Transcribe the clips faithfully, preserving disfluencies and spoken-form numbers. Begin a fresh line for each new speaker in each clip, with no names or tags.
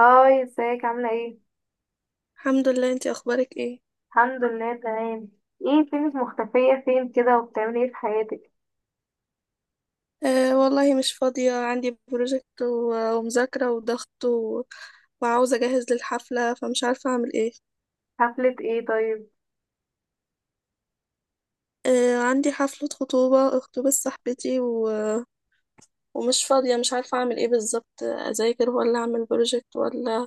هاي، ازيك؟ عاملة ايه؟
الحمد لله، انتي اخبارك ايه؟
الحمد لله تمام. ايه فينك مختفية فين كده وبتعملي ايه في حياتك؟
آه والله مش فاضية. عندي بروجكت و- ومذاكرة وضغط و... وعاوزة اجهز للحفلة، فمش عارفة اعمل ايه.
حفلة ايه طيب؟
آه، عندي حفلة خطوبة خطوبة صاحبتي و... ومش فاضية، مش عارفة اعمل ايه بالظبط، اذاكر ولا اعمل بروجكت ولا.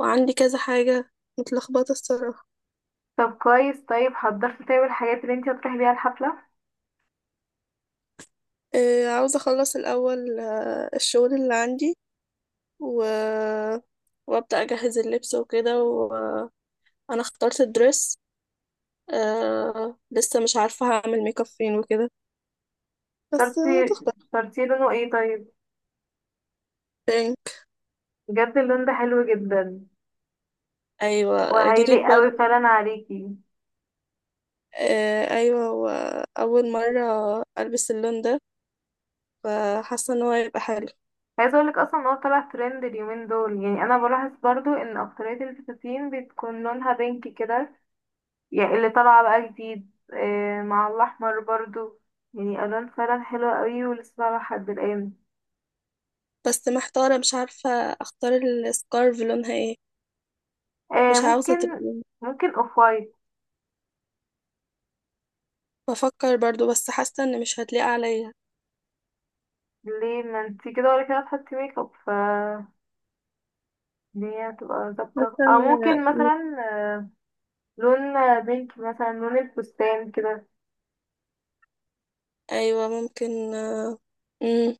وعندي كذا حاجة. متلخبطة الصراحة.
طب كويس، طيب حضرتي، طيب الحاجات اللي انتي هتروحي بيها الحفلة؟
آه، عاوزة اخلص الاول. آه الشغل اللي عندي و... وابدأ اجهز اللبس وكده. وانا اخترت الدرس. آه لسه مش عارفة هعمل ميك اب فين وكده، بس
اخترتي
هتخطر.
اخترتي لونه ايه طيب؟
تاني.
بجد اللون ده حلو جدا.
أيوة،
وهيليق
جديد
اوي
برضه.
فعلا عليكي.
آه، أيوة، وأول مرة ألبس اللون ده، فحاسة إن هو هيبقى حلو.
عايزة اقولك اصلا ان هو طلع ترند اليومين دول، يعني انا بلاحظ برضو ان اكترية الفساتين بتكون لونها بينك كده. يعني اللي طالعة بقى جديد آه، مع الأحمر برضو. يعني ألوان فعلا حلوة قوي ولسه طالعة لحد الآن.
بس محتارة، مش عارفة أختار السكارف لونها ايه.
آه،
مش عاوزة
ممكن.
تبقى.
ممكن اوف وايت.
بفكر برضه، بس حاسة إن مش هتليق عليا.
ليه؟ ما انتي كده ولا كده تحطي ميك اب، ف الدنيا هتبقى ظابطة.
حاسة
أو
إن.
ممكن مثلا لون بينك، مثلا لون الفستان كده،
أيوة، ممكن. مم.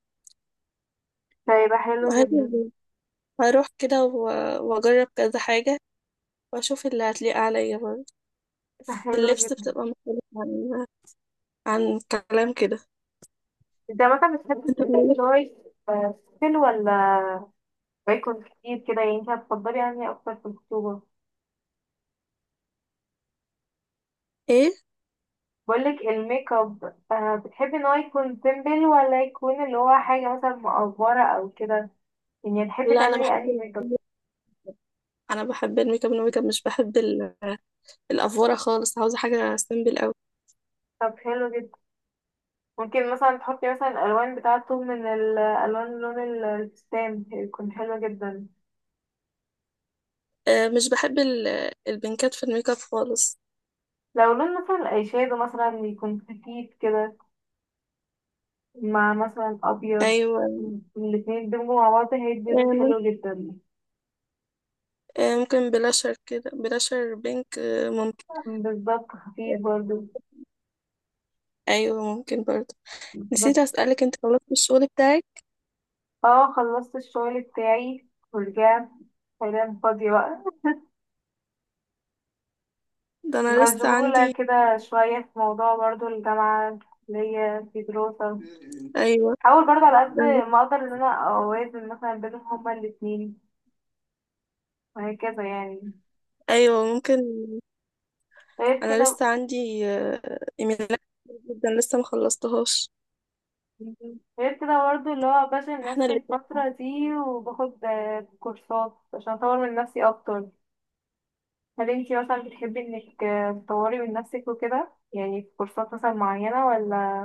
فيبقى حلو جدا.
هجيب- هروح كده و- وأجرب كذا حاجة، وأشوف اللي هتليق عليا برضه. في
حلو
اللبس
جدا.
بتبقى مختلفة عن كلام كده.
انت مثلا بتحبي الفستان اللي هو يبقى سيمبل ولا يكون كتير كده؟ يعني انت هتفضلي يعني أكتر في الخطوبة،
ايه.
بقولك الميك اب، آه، بتحبي ان هو يكون سيمبل ولا يكون اللي هو حاجة مثلا مقفرة او كده؟ يعني تحبي
لا، انا
تعملي
بحب
انهي ميك اب؟
ال- انا بحب الميك اب. الميك اب مش بحب ال- الافوره خالص. عاوزه حاجه سيمبل قوي.
طب حلو جدا. ممكن مثلا تحطي مثلا الالوان بتاعته من الالوان، لون الفستان، يكون حلو جدا.
آه مش بحب ال- البنكات في الميك اب خالص.
لو لون مثلا الايشادو مثلا يكون خفيف كده مع مثلا ابيض،
ايوه.
الاتنين يدمجوا مع بعض، هيدي
آه،
لون حلو
ممكن،
جدا.
آه، ممكن بلاشر كده، بلاشر بينك. آه، ممكن.
بالظبط، خفيف برضه.
ايوه، ممكن برضه. نسيت
بس
اسالك، انت خلصت الشغل بتاعك؟
اه خلصت الشغل بتاعي ورجعت، حاليا فاضية بقى.
ده انا لسه
مشغولة
عندي.
كده شوية في موضوع برضو الجامعة، اللي هي في دراسة.
ايوه.
حاول برضو على قد
ده أنا لسه-
ما أقدر إن أنا أوازن مثلا بينهم هما الاتنين، وهكذا يعني.
ايوه، ممكن.
غير
انا
كده،
لسه عندي آه، ايميلات كتير جدا، لسه ما خلصتهاش.
غير كده برضو اللي هو بشغل
احنا
نفسي
الاتنين.
الفترة دي، وباخد آه، كورسات عشان أطور من نفسي أكتر. هل انتي مثلا بتحبي إنك آه، تطوري من نفسك وكده؟ يعني في كورسات مثلا معينة ولا؟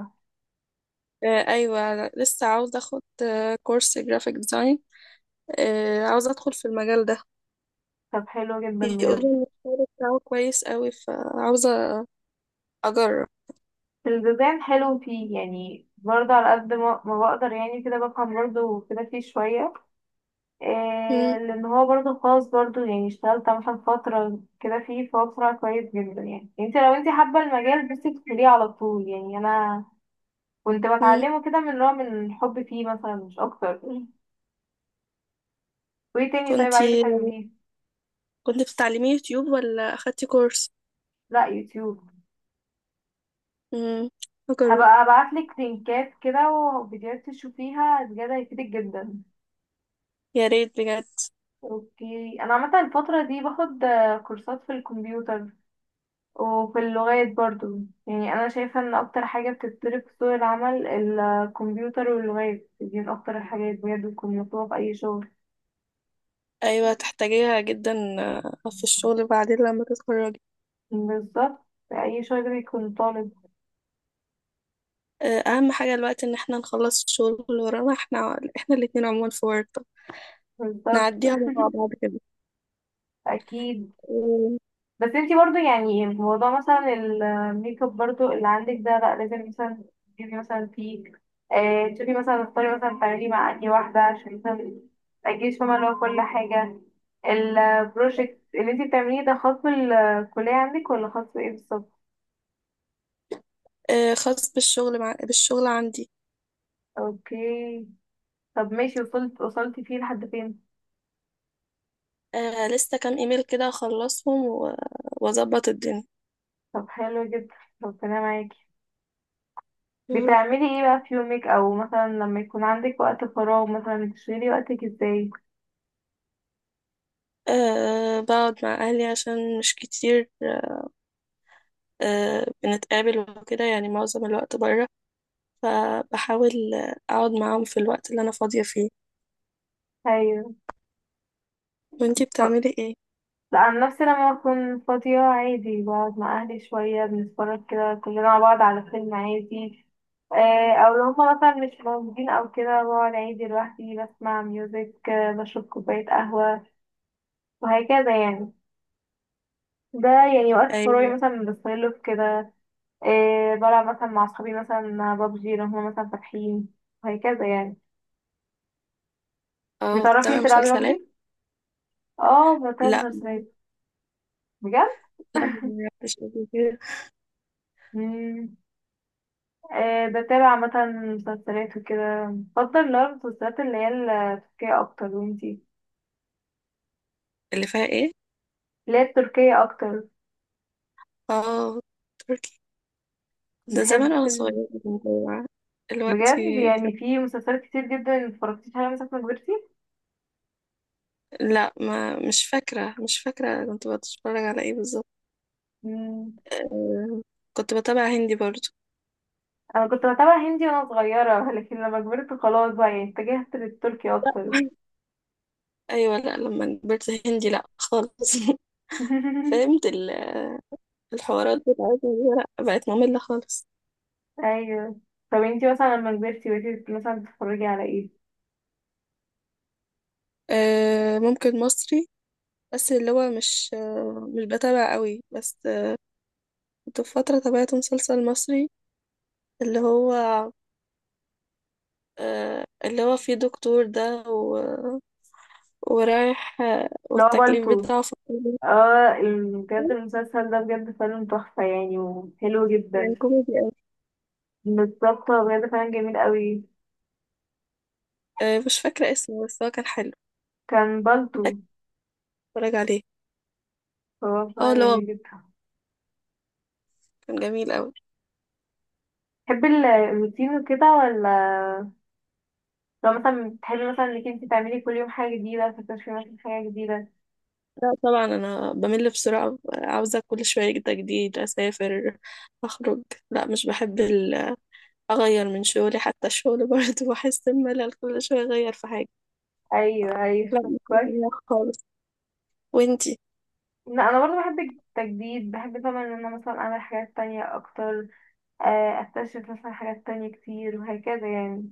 آه، ايوه، أنا لسه عاوزه اخد آه، كورس جرافيك ديزاين. آه، عاوزه ادخل في المجال ده.
طب حلو جدا بجد.
بيقولوا ان الشغل بتاعه كويس قوي، فعاوزه اجرب.
الديزاين حلو فيه، يعني برضه على قد ما ما بقدر يعني كده بفهم برضه كده فيه شوية إيه،
مم.
لأن هو برضه خاص. برضه يعني اشتغلت مثلا فترة كده فيه، فهو بصراحة كويس جدا. يعني انت لو انت حابة المجال بس تدخليه على طول. يعني أنا كنت
مم.
بتعلمه كده من نوع من الحب فيه مثلا، مش أكتر. وايه تاني طيب عايزة
كنتي
تعمليه؟
كنت بتتعلمي يوتيوب ولا اخدتي كورس؟
لا يوتيوب.
مم. اجرب.
هبقى ابعتلك لينكات كده وفيديوهات تشوفيها، بجد هيفيدك جدا.
يا ريت بجد.
اوكي، انا عامه الفتره دي باخد آه، كورسات في الكمبيوتر وفي اللغات برضو. يعني انا شايفه ان اكتر حاجه بتتطلب في سوق العمل الكمبيوتر واللغات، دي من اكتر الحاجات بجد بتكون مطلوبه في اي شغل.
ايوه، تحتاجيها جدا آه، في الشغل بعدين لما تتخرجي.
بالظبط، في اي شغل بيكون طالب.
آه، اهم حاجه دلوقتي ان احنا نخلص الشغل اللي ورانا، احنا احنا الاتنين عموما في ورطه.
بالظبط.
نعديها مع بعض
اكيد.
كده.
بس انتي برضو يعني موضوع مثلا الميك اب برضو اللي عندك ده، لا لازم مثلا تجيبي مثلا فيه، آه تشوفي مثلا تختاري مثلا تعملي مع انهي واحدة، عشان مثلا متأجيش فاهمة اللي هو كل حاجة. البروجكت اللي انتي بتعمليه ده خاص بالكلية عندك ولا خاص بإيه بالظبط؟
آه، خاص بالشغل مع... بالشغل عندي.
اوكي. طب ماشي، وصلت وصلتي فيه لحد فين؟
آه، لسه كام ايميل كده اخلصهم و- واظبط الدنيا.
طب حلو جدا، ربنا معاكي.
يا رب.
بتعملي ايه بقى في يومك او مثلا لما يكون عندك وقت فراغ، مثلا بتشغلي وقتك ازاي؟
أه، بقعد مع أهلي عشان مش كتير. أه بنتقابل وكده، يعني معظم الوقت برا، فبحاول آه، أقعد معاهم في الوقت اللي أنا فاضية فيه.
ايوه.
وانتي بتعملي ايه؟
لا عن نفسي لما بكون فاضية عادي بقعد مع أهلي شوية، بنتفرج كده كلنا مع بعض على فيلم عادي. آه، أو لو هما مثلا مش موجودين أو كده بقعد عادي لوحدي، بسمع ميوزك، آه، بشرب كوباية قهوة، وهكذا يعني. ده يعني وقت فراغي
أيوة.
مثلا بستغله في كده. آه، بلعب مثلا مع صحابي مثلا بابجي لو هما مثلا فاتحين، وهكذا يعني.
اه
بتعرفي
بتابعي
تلعبي
مسلسلات؟
بابجي؟ اه بتعمل
لا.
مسلسلات. بجد؟
لا، ما بتابعش قبل كده.
آه، بتابع مثلا مسلسلات وكده، بفضل اللي هو المسلسلات اللي هي التركية أكتر. وانتي؟
اللي فيها ايه؟
اللي هي التركية أكتر.
اه، تركي. ده زمان
بتحب
أنا
ال-
صغيرة كنت بتابع. دلوقتي
بجد يعني في مسلسلات كتير جدا متفرجتيش عليها مثلا لما كبرتي؟
لا، ما مش فاكرة، مش فاكرة كنت بتفرج على ايه بالظبط.
مم،
آه، كنت بتابع هندي برضو.
أنا كنت بتابع هندي وأنا صغيرة. لكن لما كبرت خلاص بقى يعني اتجهت للتركي أكتر.
ايوه، لا، لما كبرت هندي لا خالص. فهمت ال- الحوارات بتاعتنا دي، لا بقت مملة خالص.
أيوه. طب انتي مثلا لما كبرتي بقيتي مثلا بتتفرجي على ايه؟
آه، ممكن مصري. بس اللي هو مش آه، مش بتابع قوي، بس آه، كنت في فترة تابعت مسلسل مصري اللي هو آه، اللي هو فيه دكتور ده و- ورايح آه،
اللي هو
والتكليف
بالطو.
بتاعه في الكلية.
اه ال- بجد المسلسل ده بجد فيلم تحفة يعني، وحلو
كان
جدا.
كوميدي.
بالظبط، هو بجد فعلا جميل قوي.
آه، مش فاكرة اسمه، بس هو كان حلو.
كان بالطو.
متأكدة اتفرج عليه.
هو
اه،
بصراحة
اللي هو
جميل جدا.
كان جميل أوي.
تحبي ال- الروتين وكده، ولا لو مثلا بتحبي مثلا انك انت تعملي كل يوم حاجة جديدة، تكتشفي مثلا حاجة جديدة؟
لا طبعا، أنا بمل بسرعة، عاوزة كل شوية تجديد، أسافر، أخرج. لا، مش بحب ال- أغير من شغلي. حتى الشغل برضه بحس بملل، كل شوية أغير في حاجة.
ايوه ايوه،
لا،
طب
مش
كويس.
بحبها خالص. وانتي؟
لا انا برضه بحب التجديد، بحب طبعا ان انا مثلا اعمل حاجات تانية اكتر، آه، اكتشف مثلا حاجات تانية كتير، وهكذا يعني.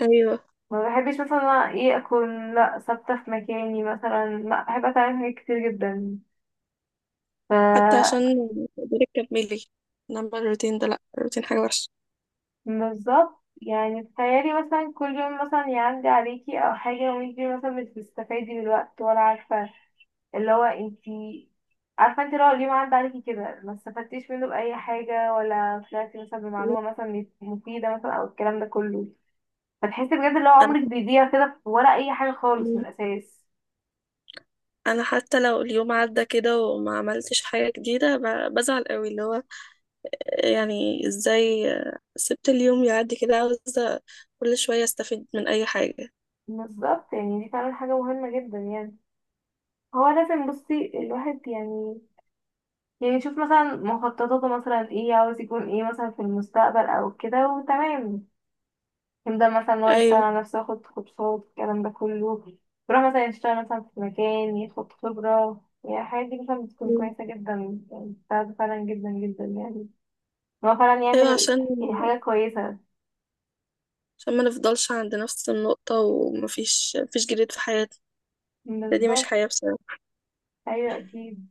أيوه،
ما بحبش مثلا أنا ايه اكون لا ثابتة في مكاني مثلا، لا بحب اتعلم حاجات كتير جدا. ف
حتى عشان تقدري تكملي. إنما الروتين ده، لا، الروتين حاجة وحشة.
بالظبط، يعني تخيلي مثلا كل يوم مثلا يعدي عليكي او حاجة وانتي مثلا مش بتستفادي من الوقت، ولا عارفة اللي هو انتي عارفة انتي لو اليوم عدى عليكي كده ما استفدتيش منه بأي حاجة، ولا طلعتي مثلا بمعلومة مثلا مفيدة مثلا، او الكلام ده كله. فتحسي بجد اللي هو
أنا
عمرك بيضيع كده ولا أي حاجة خالص من الأساس.
أنا حتى لو اليوم عدى كده وما عملتش حاجة جديدة ب- بزعل قوي، اللي هو يعني ازاي سبت اليوم يعدي كده، عاوزة كل شوية استفيد من اي حاجة.
بالظبط، يعني دي فعلا حاجة مهمة جدا يعني. هو لازم بصي الواحد يعني، يعني شوف مثلا مخططاته مثلا ايه، عاوز يكون ايه مثلا في المستقبل او كده، وتمام يبدأ مثلا ان هو يشتغل
ايوه.
على نفسه، ياخد كورسات، الكلام ده كله، يروح مثلا يشتغل مثلا في مكان ياخد خبرة. يعني الحاجات دي مثلا بتكون
مم.
كويسة جدا، يعني بتساعده فعلا جدا جدا. يعني إن هو فعلا
ايوه،
يعمل
عشان
يعني حاجة كويسة.
عشان ما نفضلش عند نفس النقطة، ومفيش مفيش جديد في حياتنا. ده دي مش
بالظبط.
حياة بصراحة.
أيوة أكيد.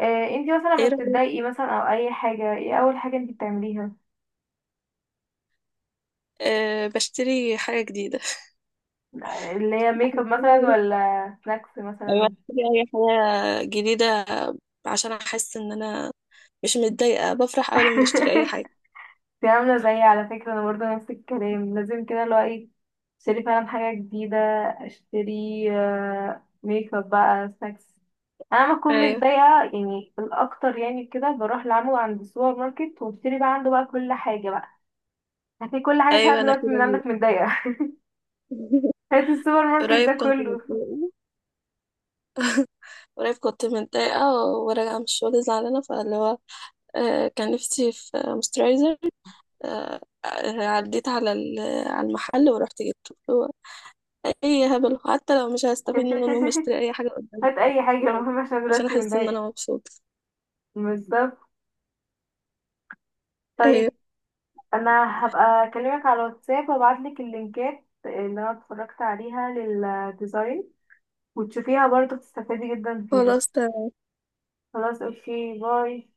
آه، انتي مثلا لما
ايه رأيك؟
بتتضايقي مثلا أو أي حاجة، ايه أول حاجة انتي بتعمليها؟
أه، بشتري حاجة جديدة.
اللي هي ميك اب مثلا ولا سناكس مثلا؟
بشتري اي حاجة جديدة عشان احس ان انا مش متضايقة، بفرح اول ما بشتري اي حاجة.
دي عاملة زيي على فكرة. أنا برضه نفس الكلام، لازم كده اللي هو إيه أشتري فعلا حاجة جديدة. أشتري آه، ميك اب بقى، سناكس. أنا لما أكون
ايوه،
متضايقة يعني الأكتر يعني كده بروح لعمو عند السوبر ماركت وأشتري بقى عنده بقى كل حاجة بقى. هاتي كل حاجة، عشان أنا
ايوه، انا
دلوقتي من
كده.
عندك متضايقة. هات السوبر ماركت
قريب
ده
كنت
كله.
متضايقة قريب كنت متضايقة وراجعة من الشغل زعلانة، فاللي هو آه، كان نفسي في مسترايزر. عديت على ال- على المحل ورحت جبته. هو أي هبل، حتى لو مش هستفيد منه، المهم اشتري أي حاجة قدامي
هات أي حاجة المهم، عشان أنا
عشان
دلوقتي
أحس إن
متضايقة.
أنا مبسوطة.
بالظبط.
أيوة،
طيب. أنا هبقى أكلمك على الواتساب وأبعتلك اللينكات اللي أنا اتفرجت عليها، لل وتشوفيها برضه بتستفادي جدا فيها.
خلاص، تمام.
خلاص اوكي باي.